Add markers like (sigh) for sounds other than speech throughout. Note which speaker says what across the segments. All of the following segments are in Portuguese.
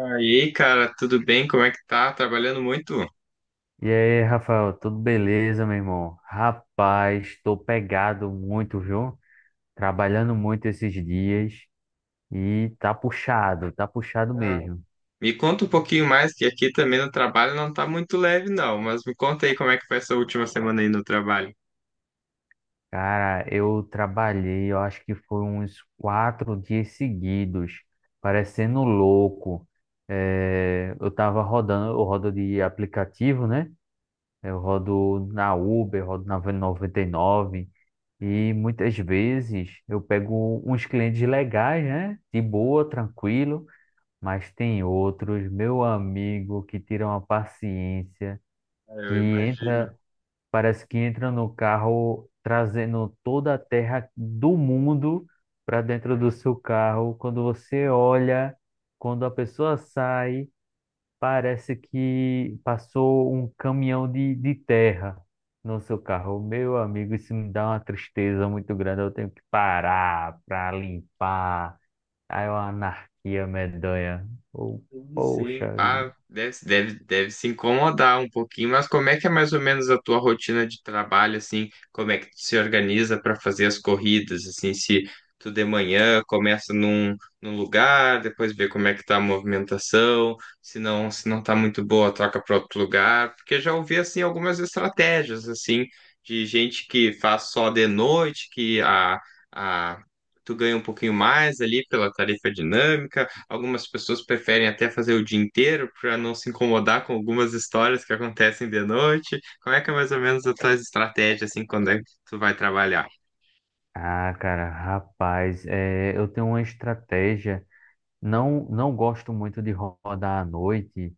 Speaker 1: Aí, cara, tudo bem? Como é que tá? Trabalhando muito?
Speaker 2: E aí, Rafael, tudo beleza, meu irmão? Rapaz, tô pegado muito, viu? Trabalhando muito esses dias e tá puxado
Speaker 1: Ah,
Speaker 2: mesmo.
Speaker 1: me conta um pouquinho mais, que aqui também no trabalho não tá muito leve, não. Mas me conta aí como é que foi essa última semana aí no trabalho.
Speaker 2: Cara, eu trabalhei, eu acho que foi uns quatro dias seguidos, parecendo louco. Eu tava rodando, eu rodo de aplicativo, né? Eu rodo na Uber, rodo na V99 e nove e muitas vezes eu pego uns clientes legais, né? De boa, tranquilo, mas tem outros, meu amigo, que tiram a paciência,
Speaker 1: Ah,
Speaker 2: que
Speaker 1: eu imagino.
Speaker 2: entra, parece que entra no carro trazendo toda a terra do mundo para dentro do seu carro. Quando você olha, quando a pessoa sai, parece que passou um caminhão de terra no seu carro. Meu amigo, isso me dá uma tristeza muito grande. Eu tenho que parar para limpar. Aí é uma anarquia medonha. Oh,
Speaker 1: Sim,
Speaker 2: poxa vida.
Speaker 1: pá, deve se incomodar um pouquinho, mas como é que é mais ou menos a tua rotina de trabalho, assim? Como é que tu se organiza para fazer as corridas, assim? Se tu de manhã começa num lugar, depois vê como é que tá a movimentação, se não tá muito boa, troca para outro lugar. Porque já ouvi, assim, algumas estratégias, assim, de gente que faz só de noite, que a, tu ganha um pouquinho mais ali pela tarifa dinâmica. Algumas pessoas preferem até fazer o dia inteiro para não se incomodar com algumas histórias que acontecem de noite. Como é que é mais ou menos a tua estratégia assim, quando é que tu vai trabalhar?
Speaker 2: Ah, cara, rapaz, é, eu tenho uma estratégia. Não gosto muito de rodar à noite,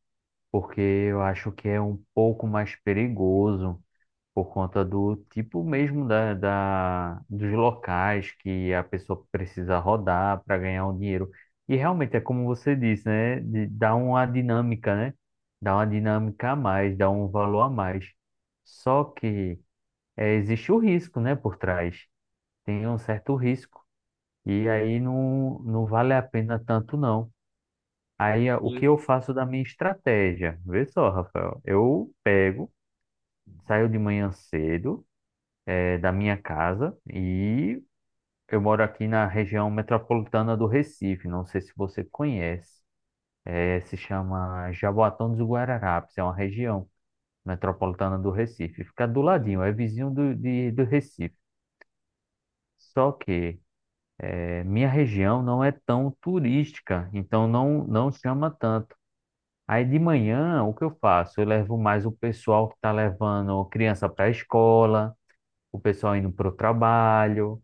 Speaker 2: porque eu acho que é um pouco mais perigoso, por conta do tipo mesmo dos locais que a pessoa precisa rodar para ganhar o dinheiro. E realmente é como você disse, né? Dá uma dinâmica, né? Dá uma dinâmica a mais, dá um valor a mais. Só que existe o risco, né, por trás. Tem um certo risco. E aí não vale a pena tanto, não. O que
Speaker 1: Sim,
Speaker 2: eu faço da minha estratégia? Vê só, Rafael. Eu pego, saio de manhã cedo da minha casa e eu moro aqui na região metropolitana do Recife. Não sei se você conhece. Eh, se chama Jaboatão dos Guararapes. É uma região metropolitana do Recife. Fica do ladinho,
Speaker 1: sim,
Speaker 2: é vizinho do Recife. Só que minha região não é tão turística, então não chama tanto. Aí de manhã, o que eu faço? Eu levo mais o pessoal que está levando criança para a escola, o pessoal indo para o trabalho,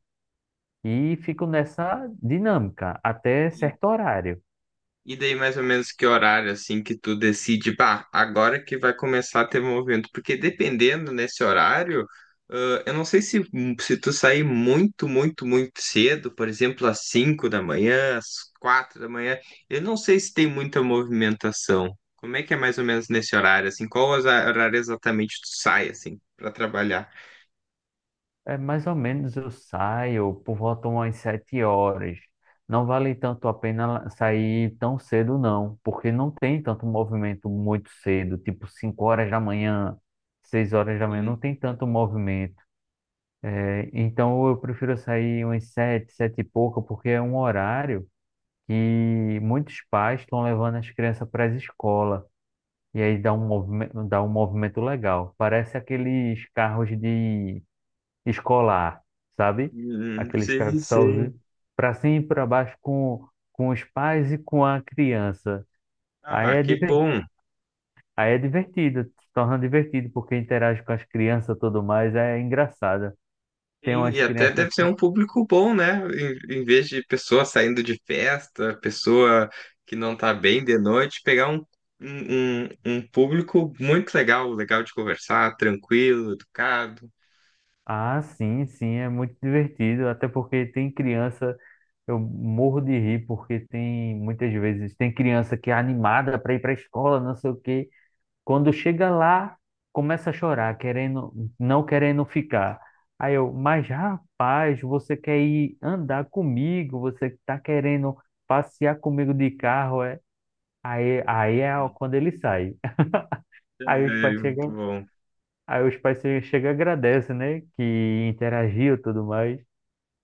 Speaker 2: e fico nessa dinâmica até
Speaker 1: sim.
Speaker 2: certo horário.
Speaker 1: E daí mais ou menos que horário assim que tu decide, bah, agora que vai começar a ter movimento? Porque dependendo nesse horário, ah, eu não sei se, tu sair muito, muito, muito cedo, por exemplo, às 5 da manhã, às 4 da manhã, eu não sei se tem muita movimentação. Como é que é mais ou menos nesse horário, assim? Qual horário exatamente tu sai, assim, para trabalhar?
Speaker 2: É, mais ou menos eu saio por volta umas sete horas. Não vale tanto a pena sair tão cedo, não, porque não tem tanto movimento muito cedo, tipo 5 horas da manhã, 6 horas da manhã, não
Speaker 1: Sim.
Speaker 2: tem tanto movimento. É, então eu prefiro sair umas sete, sete e pouca, porque é um horário que muitos pais estão levando as crianças para a escola. E aí dá um movimento legal. Parece aqueles carros de escolar, sabe? Aqueles
Speaker 1: Sim.
Speaker 2: carros que só
Speaker 1: Sim.
Speaker 2: para cima e para baixo com os pais e com a criança. Aí
Speaker 1: Ah,
Speaker 2: é,
Speaker 1: que
Speaker 2: diver-
Speaker 1: bom.
Speaker 2: Aí é divertido, se torna divertido, porque interage com as crianças e tudo mais, é engraçado. Tem
Speaker 1: Sim,
Speaker 2: umas
Speaker 1: e até
Speaker 2: crianças.
Speaker 1: deve ser um público bom, né? Em vez de pessoa saindo de festa, pessoa que não tá bem de noite, pegar um, um público muito legal, legal de conversar, tranquilo, educado.
Speaker 2: Ah, sim, sim, é muito divertido, até porque tem criança. Eu morro de rir porque tem muitas vezes tem criança que é animada para ir para a escola, não sei o quê. Quando chega lá, começa a chorar, querendo, não querendo ficar. Aí eu, mas rapaz, você quer ir andar comigo? Você tá querendo passear comigo de carro? É? Aí é quando ele sai. (laughs) Aí os
Speaker 1: É,
Speaker 2: pais
Speaker 1: muito
Speaker 2: chegam,
Speaker 1: bom.
Speaker 2: aí os pais che- chegam e agradecem, né? Que interagiu e tudo mais.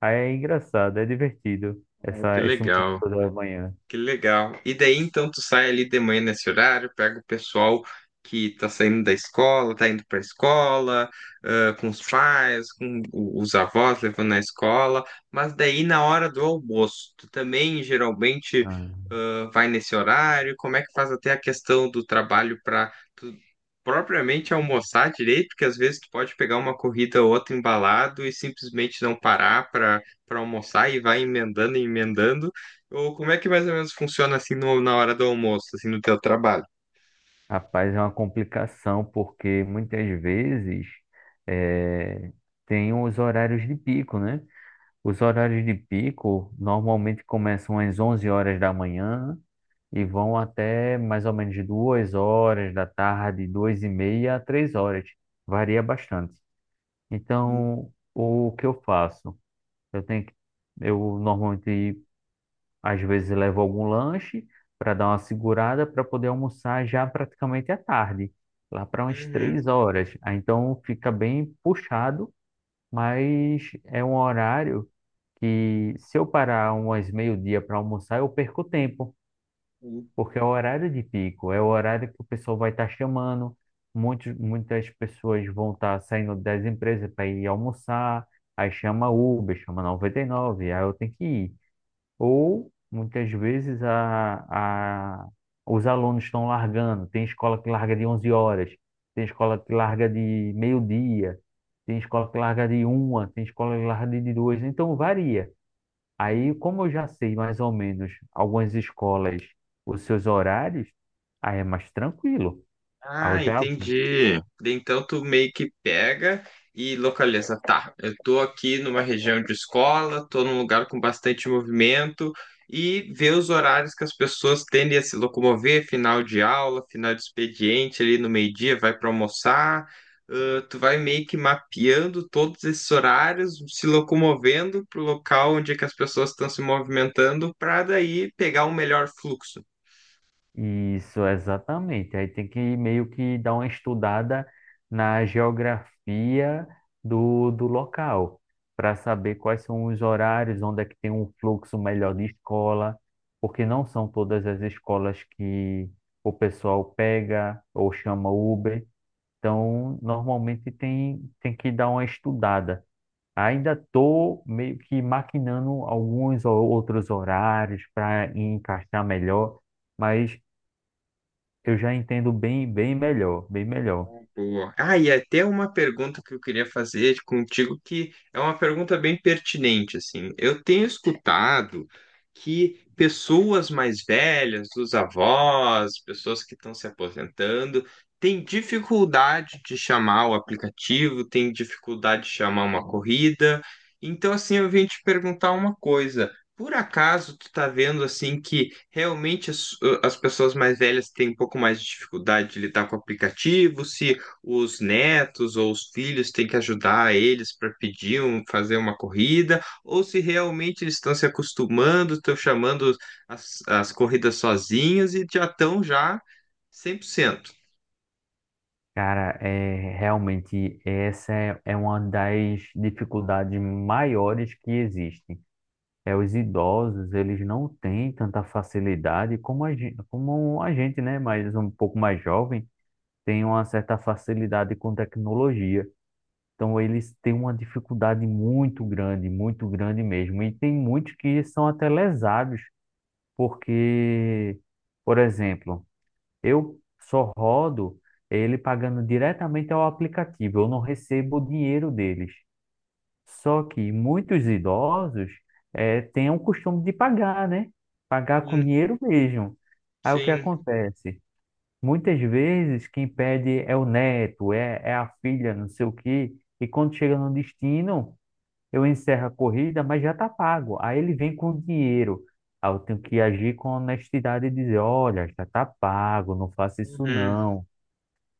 Speaker 2: Aí é engraçado, é divertido
Speaker 1: Ah, que
Speaker 2: essa, esse
Speaker 1: legal.
Speaker 2: momento da manhã.
Speaker 1: Que legal. E daí então tu sai ali de manhã nesse horário, pega o pessoal que tá saindo da escola, tá indo pra escola, ah, com os pais, com os avós levando na escola, mas daí na hora do almoço, tu também geralmente
Speaker 2: Ah.
Speaker 1: vai nesse horário. Como é que faz até a questão do trabalho para tu propriamente almoçar direito, porque às vezes tu pode pegar uma corrida ou outra embalado e simplesmente não parar para almoçar, e vai emendando e emendando. Ou como é que mais ou menos funciona assim na hora do almoço, assim, no teu trabalho?
Speaker 2: Rapaz, é uma complicação, porque muitas vezes eh, tem os horários de pico, né? Os horários de pico normalmente começam às 11 horas da manhã e vão até mais ou menos 2 horas da tarde, 2 e meia a 3 horas. Varia bastante.
Speaker 1: Hum.
Speaker 2: Então, o que eu faço? Eu tenho que, eu normalmente às vezes levo algum lanche para dar uma segurada para poder almoçar já praticamente à tarde, lá para umas
Speaker 1: Uhum.
Speaker 2: três horas. Aí, então fica bem puxado, mas é um horário que se eu parar umas meio-dia para almoçar, eu perco tempo, porque é o horário de pico, é o horário que o pessoal vai estar chamando, muitas pessoas vão estar saindo das empresas para ir almoçar, aí chama Uber, chama 99, aí eu tenho que ir. Ou, muitas vezes, os alunos estão largando. Tem escola que larga de 11 horas, tem escola que larga de meio-dia, tem escola que larga de uma, tem escola que larga de duas. Então, varia.
Speaker 1: Hum.
Speaker 2: Aí, como eu já sei mais ou menos algumas escolas, os seus horários, aí é mais tranquilo. Aí eu
Speaker 1: Ah,
Speaker 2: já
Speaker 1: entendi. Daí então tu meio que pega e localiza. Tá, eu tô aqui numa região de escola, tô num lugar com bastante movimento, e vê os horários que as pessoas tendem a se locomover, final de aula, final de expediente, ali no meio-dia, vai para almoçar. Ah, tu vai meio que mapeando todos esses horários, se locomovendo pro local onde é que as pessoas estão se movimentando, para daí pegar um melhor fluxo.
Speaker 2: isso, exatamente. Aí tem que meio que dar uma estudada na geografia do local, para saber quais são os horários, onde é que tem um fluxo melhor de escola, porque não são todas as escolas que o pessoal pega ou chama Uber. Então, normalmente tem que dar uma estudada. Ainda estou meio que maquinando alguns ou outros horários para encaixar melhor, mas eu já entendo bem melhor, bem melhor.
Speaker 1: Boa. Ah, e até uma pergunta que eu queria fazer contigo, que é uma pergunta bem pertinente, assim. Eu tenho escutado que pessoas mais velhas, os avós, pessoas que estão se aposentando, têm dificuldade de chamar o aplicativo, têm dificuldade de chamar uma corrida. Então, assim, eu vim te perguntar uma coisa. Por acaso tu tá vendo assim que realmente as pessoas mais velhas têm um pouco mais de dificuldade de lidar com o aplicativo, se os netos ou os filhos têm que ajudar eles para pedir, um, fazer uma corrida, ou se realmente eles estão se acostumando, estão chamando as corridas sozinhos e já estão já 100%.
Speaker 2: Cara, é realmente é uma das dificuldades maiores que existe. É os idosos, eles não têm tanta facilidade como a gente, né, mas um pouco mais jovem, tem uma certa facilidade com tecnologia. Então eles têm uma dificuldade muito grande mesmo. E tem muitos que são até lesados, porque, por exemplo, eu só rodo ele pagando diretamente ao aplicativo, eu não recebo o dinheiro deles. Só que muitos idosos têm o costume de pagar, né? Pagar com
Speaker 1: Sim,
Speaker 2: dinheiro mesmo. Aí o que
Speaker 1: sim,
Speaker 2: acontece? Muitas vezes quem pede é o neto, é a filha, não sei o quê, e quando chega no destino eu encerro a corrida, mas já está pago. Aí ele vem com o dinheiro. Aí eu tenho que agir com honestidade e dizer, olha, já está pago, não faça isso
Speaker 1: uhum,
Speaker 2: não.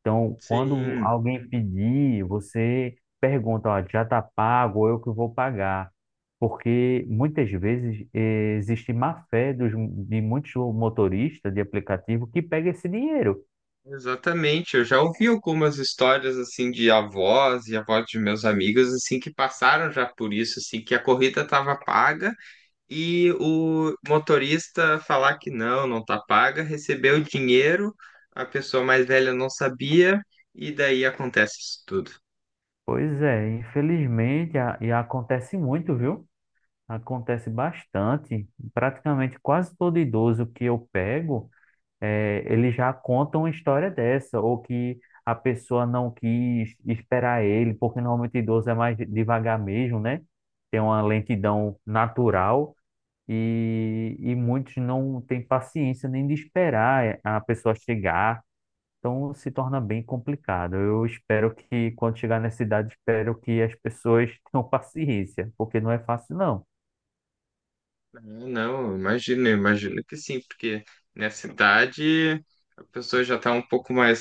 Speaker 2: Então, quando
Speaker 1: sim.
Speaker 2: alguém pedir, você pergunta, ó, já está pago, ou eu que vou pagar. Porque muitas vezes existe má fé de muitos motoristas de aplicativo que pega esse dinheiro.
Speaker 1: Exatamente, eu já ouvi algumas histórias assim de avós e avós de meus amigos, assim que passaram já por isso, assim que a corrida estava paga e o motorista falar que não, não tá paga, recebeu o dinheiro, a pessoa mais velha não sabia, e daí acontece isso tudo.
Speaker 2: Pois é, infelizmente, e acontece muito, viu? Acontece bastante, praticamente quase todo idoso que eu pego, ele já conta uma história dessa, ou que a pessoa não quis esperar ele, porque normalmente idoso é mais devagar mesmo, né? Tem uma lentidão natural e muitos não têm paciência nem de esperar a pessoa chegar, então se torna bem complicado. Eu espero que quando chegar nessa idade, espero que as pessoas (laughs) tenham paciência, porque não é fácil não.
Speaker 1: Ah, não, imagino, imagino que sim, porque nessa idade a pessoa já tá um pouco mais,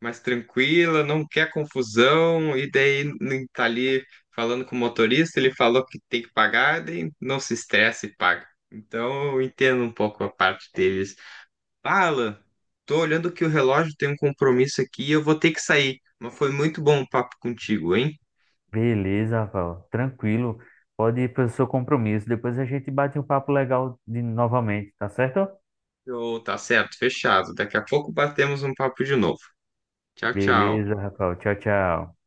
Speaker 1: mais tranquila, não quer confusão, e daí nem tá ali falando com o motorista, ele falou que tem que pagar, daí não se estressa e paga. Então eu entendo um pouco a parte deles. Fala, tô olhando que o relógio, tem um compromisso aqui e eu vou ter que sair. Mas foi muito bom o papo contigo, hein?
Speaker 2: Beleza, Rafael. Tranquilo. Pode ir para o seu compromisso. Depois a gente bate um papo legal de novamente, tá certo?
Speaker 1: Ô, tá certo, fechado. Daqui a pouco batemos um papo de novo. Tchau, tchau.
Speaker 2: Beleza, Rafael. Tchau, tchau.